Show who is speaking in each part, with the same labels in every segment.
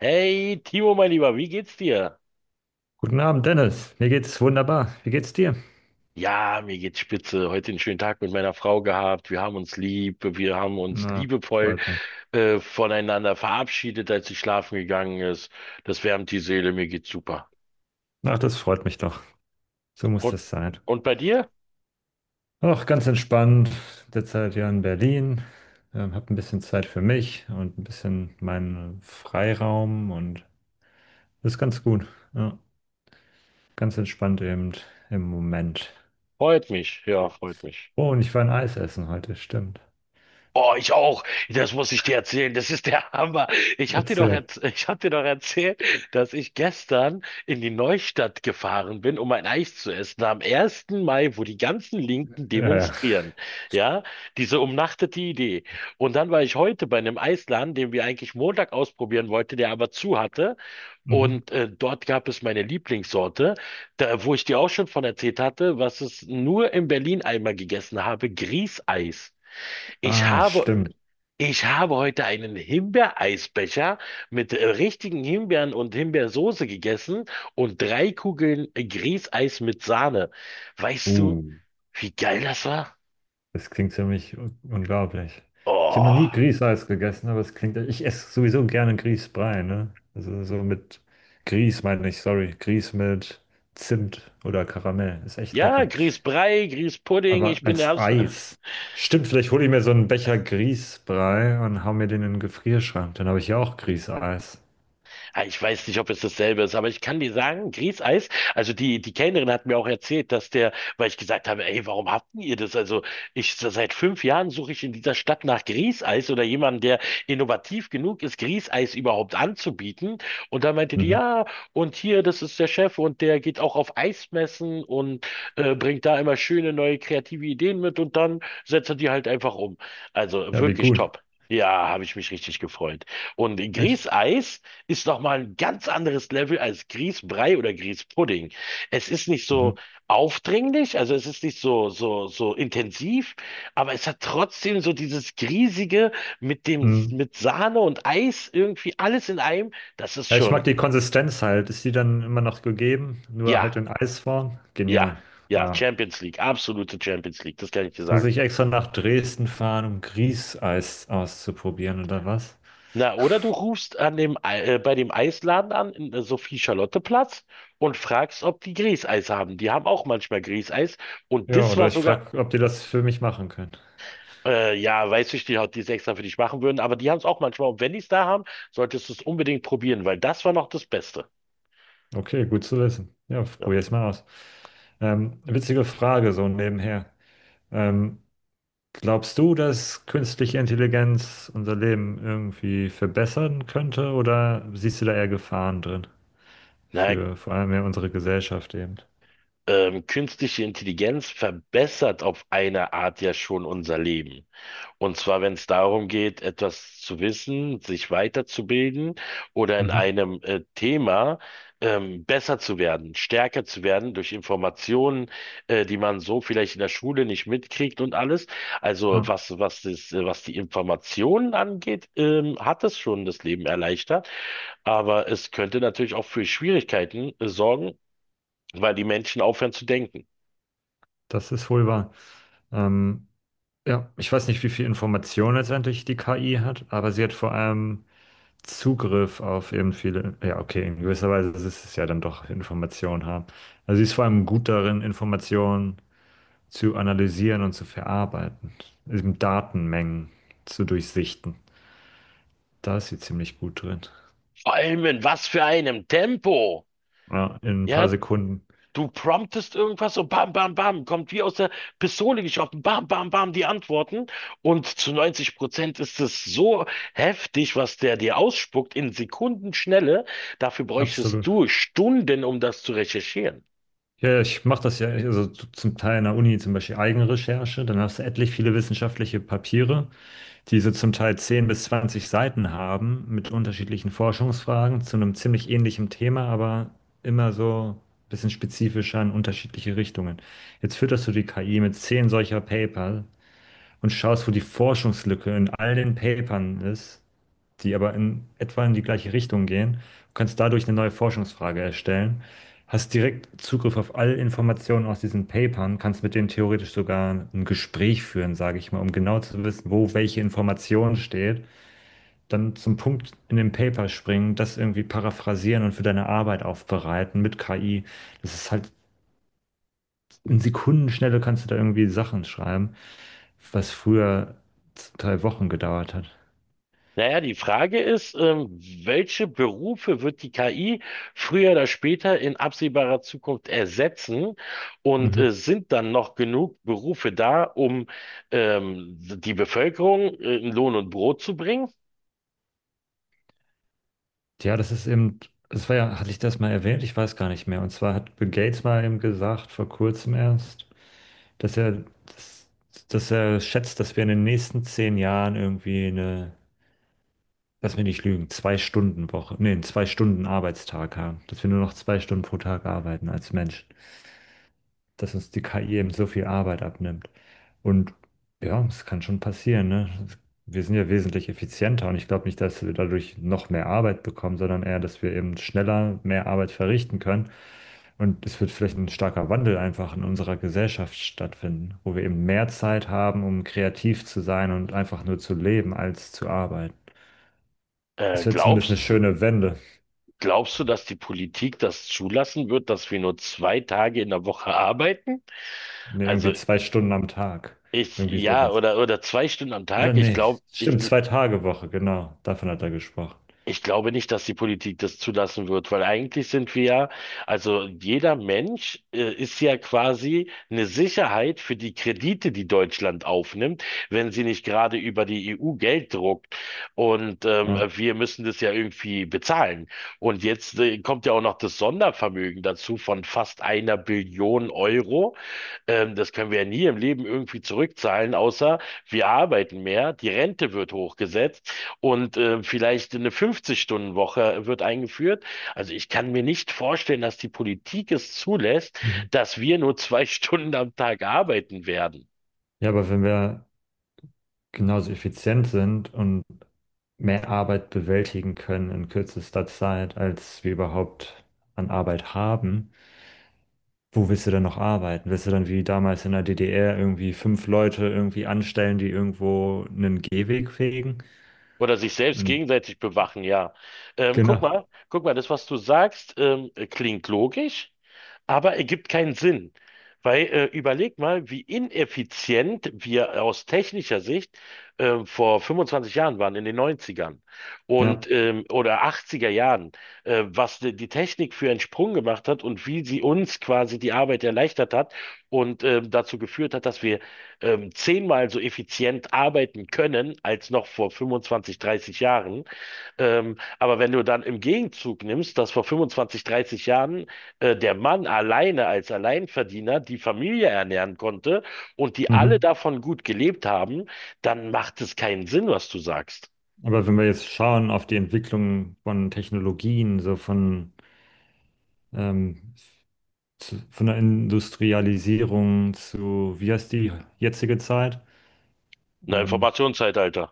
Speaker 1: Hey, Timo, mein Lieber, wie geht's dir?
Speaker 2: Guten Abend, Dennis. Mir geht's wunderbar. Wie geht's dir?
Speaker 1: Ja, mir geht's spitze. Heute einen schönen Tag mit meiner Frau gehabt. Wir haben uns
Speaker 2: Na,
Speaker 1: liebevoll
Speaker 2: freut mich.
Speaker 1: voneinander verabschiedet, als sie schlafen gegangen ist. Das wärmt die Seele, mir geht's super.
Speaker 2: Ach, das freut mich doch. So muss
Speaker 1: Und,
Speaker 2: das sein.
Speaker 1: und bei dir?
Speaker 2: Ach, ganz entspannt. Derzeit ja in Berlin. Hab ein bisschen Zeit für mich und ein bisschen meinen Freiraum und das ist ganz gut. Ja, ganz entspannt eben im Moment.
Speaker 1: Freut mich, ja, freut mich.
Speaker 2: Oh, und ich war ein Eis essen heute, stimmt.
Speaker 1: Oh, ich auch. Das muss ich dir erzählen. Das ist der Hammer. Ich hab dir doch
Speaker 2: Erzähl.
Speaker 1: erz- ich hab dir doch erzählt, dass ich gestern in die Neustadt gefahren bin, um ein Eis zu essen. Am ersten Mai, wo die ganzen Linken
Speaker 2: Ja, ja.
Speaker 1: demonstrieren. Ja, diese umnachtete Idee. Und dann war ich heute bei einem Eisladen, den wir eigentlich Montag ausprobieren wollten, der aber zu hatte.
Speaker 2: Mhm.
Speaker 1: Und dort gab es meine Lieblingssorte, da, wo ich dir auch schon von erzählt hatte, was es nur in Berlin einmal gegessen habe, Grießeis. Ich
Speaker 2: Ah,
Speaker 1: habe
Speaker 2: stimmt.
Speaker 1: ich habe heute einen Himbeereisbecher mit richtigen Himbeeren und Himbeersoße gegessen und drei Kugeln Grießeis mit Sahne. Weißt du,
Speaker 2: Uh.
Speaker 1: wie geil das war?
Speaker 2: Das klingt ziemlich unglaublich. Ich habe noch
Speaker 1: Oh.
Speaker 2: nie Grießeis gegessen, aber es klingt, ich esse sowieso gerne Grießbrei, ne? Also so mit Grieß meine ich, sorry, Grieß mit Zimt oder Karamell, ist echt
Speaker 1: Ja,
Speaker 2: lecker.
Speaker 1: Grießbrei, Grießpudding,
Speaker 2: Aber
Speaker 1: ich bin der
Speaker 2: als Eis. Stimmt, vielleicht hole ich mir so einen Becher Grießbrei und hau mir den in den Gefrierschrank, dann habe ich ja auch Grießeis.
Speaker 1: Ah, ich weiß nicht, ob es dasselbe ist, aber ich kann dir sagen, Grießeis, also die Kellnerin hat mir auch erzählt, dass der, weil ich gesagt habe, ey, warum habt ihr das? Also ich, seit 5 Jahren suche ich in dieser Stadt nach Grießeis oder jemanden, der innovativ genug ist, Grießeis überhaupt anzubieten. Und da meinte die,
Speaker 2: Mhm.
Speaker 1: ja, und hier, das ist der Chef und der geht auch auf Eismessen und bringt da immer schöne neue kreative Ideen mit und dann setzt er die halt einfach um. Also
Speaker 2: Ja, wie
Speaker 1: wirklich
Speaker 2: gut.
Speaker 1: top. Ja, habe ich mich richtig gefreut. Und
Speaker 2: Echt.
Speaker 1: Grießeis, ist nochmal ein ganz anderes Level als Grießbrei oder Grießpudding. Es ist nicht so
Speaker 2: Mhm.
Speaker 1: aufdringlich, also es ist nicht so, so, so intensiv, aber es hat trotzdem so dieses Griesige mit dem,
Speaker 2: Mhm.
Speaker 1: mit Sahne und Eis irgendwie alles in einem. Das ist
Speaker 2: Ja, ich mag
Speaker 1: schon,
Speaker 2: die Konsistenz halt. Ist die dann immer noch gegeben? Nur halt
Speaker 1: ja,
Speaker 2: in Eisform?
Speaker 1: ja,
Speaker 2: Genial.
Speaker 1: ja,
Speaker 2: Wow.
Speaker 1: Champions League, absolute Champions League, das kann ich dir
Speaker 2: Jetzt muss
Speaker 1: sagen.
Speaker 2: ich extra nach Dresden fahren, um Grießeis auszuprobieren oder was?
Speaker 1: Na, oder du rufst bei dem Eisladen an, in Sophie-Charlotte-Platz und fragst, ob die Grießeis haben. Die haben auch manchmal Grießeis. Und
Speaker 2: Ja,
Speaker 1: das
Speaker 2: oder
Speaker 1: war
Speaker 2: ich
Speaker 1: sogar
Speaker 2: frage, ob die das für mich machen können.
Speaker 1: Ja, Weißfischstäbchen hat die es extra für dich machen würden, aber die haben es auch manchmal. Und wenn die es da haben, solltest du es unbedingt probieren, weil das war noch das Beste.
Speaker 2: Okay, gut zu wissen. Ja,
Speaker 1: Ja.
Speaker 2: probier's mal aus. Witzige Frage, so nebenher. Ähm, Glaubst du, dass künstliche Intelligenz unser Leben irgendwie verbessern könnte oder siehst du da eher Gefahren drin?
Speaker 1: Na,
Speaker 2: Für vor allem ja unsere Gesellschaft eben.
Speaker 1: künstliche Intelligenz verbessert auf eine Art ja schon unser Leben. Und zwar, wenn es darum geht, etwas zu wissen, sich weiterzubilden oder in
Speaker 2: Mhm.
Speaker 1: einem Thema, besser zu werden, stärker zu werden durch Informationen, die man so vielleicht in der Schule nicht mitkriegt und alles. Also
Speaker 2: Ah,
Speaker 1: was, was das, was die Informationen angeht, hat es schon das Leben erleichtert. Aber es könnte natürlich auch für Schwierigkeiten sorgen, weil die Menschen aufhören zu denken.
Speaker 2: das ist wohl wahr. Ähm, Ja, ich weiß nicht, wie viel Information letztendlich die KI hat, aber sie hat vor allem Zugriff auf eben viele. Ja, okay, in gewisser Weise ist es ja dann doch Information haben. Also sie ist vor allem gut darin, Informationen zu analysieren und zu verarbeiten, eben Datenmengen zu durchsichten. Da ist sie ziemlich gut drin.
Speaker 1: Vor allem in was für einem Tempo.
Speaker 2: Ja, in ein paar
Speaker 1: Ja,
Speaker 2: Sekunden.
Speaker 1: Du promptest irgendwas und bam, bam, bam, kommt wie aus der Pistole geschossen, bam, bam, bam, die Antworten. Und zu 90% ist es so heftig, was der dir ausspuckt in Sekundenschnelle. Dafür bräuchtest
Speaker 2: Absolut.
Speaker 1: du Stunden, um das zu recherchieren.
Speaker 2: Ja, ja, ich mache das ja, also zum Teil in der Uni zum Beispiel Eigenrecherche, dann hast du etlich viele wissenschaftliche Papiere. Die so zum Teil 10 bis 20 Seiten haben mit unterschiedlichen Forschungsfragen zu einem ziemlich ähnlichen Thema, aber immer so ein bisschen spezifischer in unterschiedliche Richtungen. Jetzt fütterst du die KI mit 10 solcher Paper und schaust, wo die Forschungslücke in all den Papern ist, die aber in etwa in die gleiche Richtung gehen, und kannst dadurch eine neue Forschungsfrage erstellen. Hast direkt Zugriff auf alle Informationen aus diesen Papern, kannst mit denen theoretisch sogar ein Gespräch führen, sage ich mal, um genau zu wissen, wo welche Information steht. Dann zum Punkt in dem Paper springen, das irgendwie paraphrasieren und für deine Arbeit aufbereiten mit KI. Das ist halt, in Sekundenschnelle kannst du da irgendwie Sachen schreiben, was früher 2 Wochen gedauert hat.
Speaker 1: Naja, die Frage ist, welche Berufe wird die KI früher oder später in absehbarer Zukunft ersetzen? Und
Speaker 2: Mhm.
Speaker 1: sind dann noch genug Berufe da, um die Bevölkerung in Lohn und Brot zu bringen?
Speaker 2: Ja, das ist eben, das war ja, hatte ich das mal erwähnt? Ich weiß gar nicht mehr. Und zwar hat Bill Gates mal eben gesagt, vor kurzem erst, dass er, dass, dass er schätzt, dass wir in den nächsten 10 Jahren irgendwie eine, lass mich nicht lügen, 2 Stunden Woche, nee, einen 2 Stunden Arbeitstag haben. Dass wir nur noch 2 Stunden pro Tag arbeiten als Mensch, dass uns die KI eben so viel Arbeit abnimmt. Und ja, es kann schon passieren, ne? Wir sind ja wesentlich effizienter und ich glaube nicht, dass wir dadurch noch mehr Arbeit bekommen, sondern eher, dass wir eben schneller mehr Arbeit verrichten können. Und es wird vielleicht ein starker Wandel einfach in unserer Gesellschaft stattfinden, wo wir eben mehr Zeit haben, um kreativ zu sein und einfach nur zu leben, als zu arbeiten.
Speaker 1: Äh,
Speaker 2: Das wäre zumindest eine
Speaker 1: glaubst,
Speaker 2: schöne Wende.
Speaker 1: glaubst du, dass die Politik das zulassen wird, dass wir nur zwei Tage in der Woche arbeiten?
Speaker 2: Ne, irgendwie
Speaker 1: Also
Speaker 2: 2 Stunden am Tag.
Speaker 1: ich,
Speaker 2: Irgendwie
Speaker 1: ja,
Speaker 2: sowas.
Speaker 1: oder zwei Stunden am
Speaker 2: Oder
Speaker 1: Tag.
Speaker 2: nee, stimmt, 2 Tage Woche, genau, davon hat er gesprochen.
Speaker 1: Ich glaube nicht, dass die Politik das zulassen wird, weil eigentlich sind wir ja, also jeder Mensch ist ja quasi eine Sicherheit für die Kredite, die Deutschland aufnimmt, wenn sie nicht gerade über die EU Geld druckt. Und
Speaker 2: Ja.
Speaker 1: wir müssen das ja irgendwie bezahlen. Und jetzt kommt ja auch noch das Sondervermögen dazu von fast einer Billion Euro, das können wir ja nie im Leben irgendwie zurückzahlen, außer wir arbeiten mehr, die Rente wird hochgesetzt und vielleicht eine 50-Stunden-Woche wird eingeführt. Also ich kann mir nicht vorstellen, dass die Politik es zulässt,
Speaker 2: Mhm.
Speaker 1: dass wir nur zwei Stunden am Tag arbeiten werden.
Speaker 2: Ja, aber wenn wir genauso effizient sind und mehr Arbeit bewältigen können in kürzester Zeit, als wir überhaupt an Arbeit haben, wo willst du dann noch arbeiten? Willst du dann wie damals in der DDR irgendwie fünf Leute irgendwie anstellen, die irgendwo einen Gehweg fegen?
Speaker 1: Oder sich selbst
Speaker 2: Und
Speaker 1: gegenseitig bewachen, ja.
Speaker 2: genau,
Speaker 1: Guck mal, das, was du sagst, klingt logisch. Aber ergibt keinen Sinn. Weil überleg mal, wie ineffizient wir aus technischer Sicht vor 25 Jahren waren, in den 90ern
Speaker 2: ja.
Speaker 1: und oder 80er Jahren, was die Technik für einen Sprung gemacht hat und wie sie uns quasi die Arbeit erleichtert hat und dazu geführt hat, dass wir zehnmal so effizient arbeiten können als noch vor 25, 30 Jahren. Aber wenn du dann im Gegenzug nimmst, dass vor 25, 30 Jahren der Mann alleine als Alleinverdiener die Familie ernähren konnte und die alle
Speaker 2: Mhm.
Speaker 1: davon gut gelebt haben, dann macht es keinen Sinn, was du sagst.
Speaker 2: Aber wenn wir jetzt schauen auf die Entwicklung von Technologien, so von ähm, zu, von der Industrialisierung zu, wie heißt die jetzige Zeit?
Speaker 1: Na,
Speaker 2: Ähm,
Speaker 1: Informationszeitalter.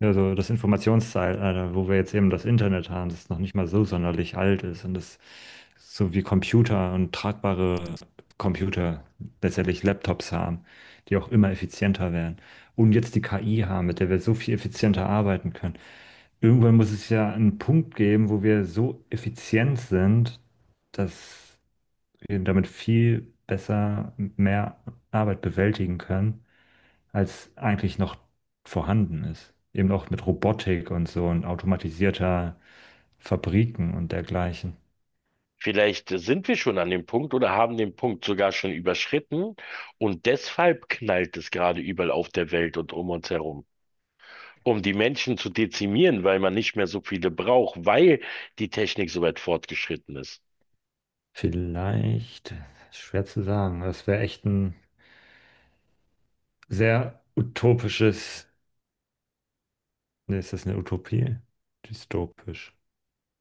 Speaker 2: ja, so das Informationszeitalter, wo wir jetzt eben das Internet haben, das noch nicht mal so sonderlich alt ist und das so wie Computer und tragbare Computer, letztendlich Laptops haben, die auch immer effizienter werden. Und jetzt die KI haben, mit der wir so viel effizienter arbeiten können. Irgendwann muss es ja einen Punkt geben, wo wir so effizient sind, dass damit viel besser mehr Arbeit bewältigen können, als eigentlich noch vorhanden ist. Eben auch mit Robotik und so und automatisierter Fabriken und dergleichen.
Speaker 1: Vielleicht sind wir schon an dem Punkt oder haben den Punkt sogar schon überschritten und deshalb knallt es gerade überall auf der Welt und um uns herum. Um die Menschen zu dezimieren, weil man nicht mehr so viele braucht, weil die Technik so weit fortgeschritten ist.
Speaker 2: Vielleicht, schwer zu sagen, das wäre echt ein sehr utopisches, ne, ist das eine Utopie? Dystopisch.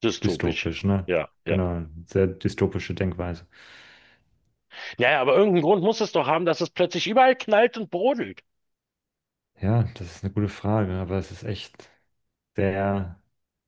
Speaker 1: Dystopisch.
Speaker 2: Dystopisch, ne?
Speaker 1: Ja, ja.
Speaker 2: Genau, sehr dystopische Denkweise.
Speaker 1: Naja, aber irgendeinen Grund muss es doch haben, dass es plötzlich überall knallt und brodelt.
Speaker 2: Ja, das ist eine gute Frage, aber es ist echt sehr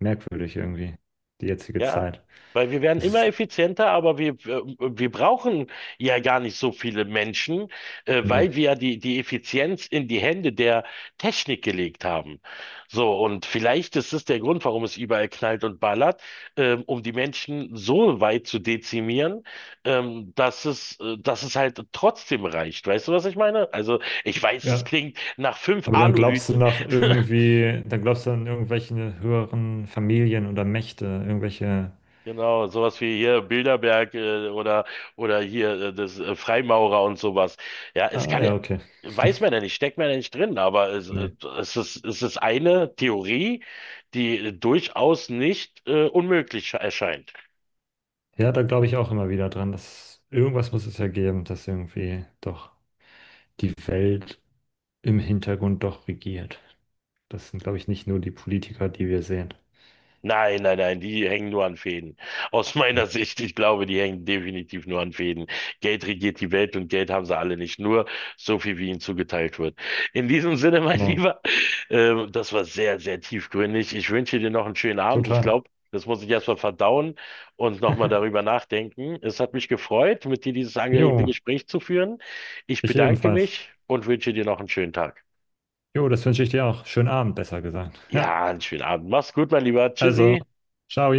Speaker 2: merkwürdig irgendwie, die jetzige
Speaker 1: Ja,
Speaker 2: Zeit.
Speaker 1: weil wir werden
Speaker 2: Das
Speaker 1: immer
Speaker 2: ist,
Speaker 1: effizienter, aber wir brauchen ja gar nicht so viele Menschen,
Speaker 2: nee.
Speaker 1: weil wir ja die Effizienz in die Hände der Technik gelegt haben. So, und vielleicht ist es der Grund, warum es überall knallt und ballert, um die Menschen so weit zu dezimieren, dass es halt trotzdem reicht. Weißt du, was ich meine? Also, ich weiß, es
Speaker 2: Ja.
Speaker 1: klingt nach fünf
Speaker 2: Aber dann glaubst du
Speaker 1: Aluhüten,
Speaker 2: nach irgendwie, dann glaubst du an irgendwelche höheren Familien oder Mächte, irgendwelche.
Speaker 1: genau, sowas wie hier Bilderberg, oder hier das Freimaurer und sowas. Ja, es
Speaker 2: Ah
Speaker 1: kann ja,
Speaker 2: ja, okay.
Speaker 1: weiß man ja nicht, steckt man ja nicht drin, aber
Speaker 2: Nee.
Speaker 1: es ist eine Theorie, die durchaus nicht unmöglich erscheint.
Speaker 2: Ja, da glaube ich auch immer wieder dran, dass irgendwas muss es ja geben, dass irgendwie doch die Welt im Hintergrund doch regiert. Das sind, glaube ich, nicht nur die Politiker, die wir sehen.
Speaker 1: Nein, nein, nein, die hängen nur an Fäden. Aus
Speaker 2: Ja.
Speaker 1: meiner Sicht, ich glaube, die hängen definitiv nur an Fäden. Geld regiert die Welt und Geld haben sie alle nicht. Nur so viel, wie ihnen zugeteilt wird. In diesem Sinne, mein
Speaker 2: Genau.
Speaker 1: Lieber, das war sehr, sehr tiefgründig. Ich wünsche dir noch einen schönen Abend. Ich
Speaker 2: Total.
Speaker 1: glaube, das muss ich erstmal verdauen und nochmal darüber nachdenken. Es hat mich gefreut, mit dir dieses angeregte
Speaker 2: Jo,
Speaker 1: Gespräch zu führen. Ich
Speaker 2: ich
Speaker 1: bedanke
Speaker 2: ebenfalls.
Speaker 1: mich und wünsche dir noch einen schönen Tag.
Speaker 2: Jo, das wünsche ich dir auch. Schönen Abend, besser gesagt. Ja,
Speaker 1: Ja, einen schönen Abend. Mach's gut, mein Lieber.
Speaker 2: also,
Speaker 1: Tschüssi.
Speaker 2: ciao.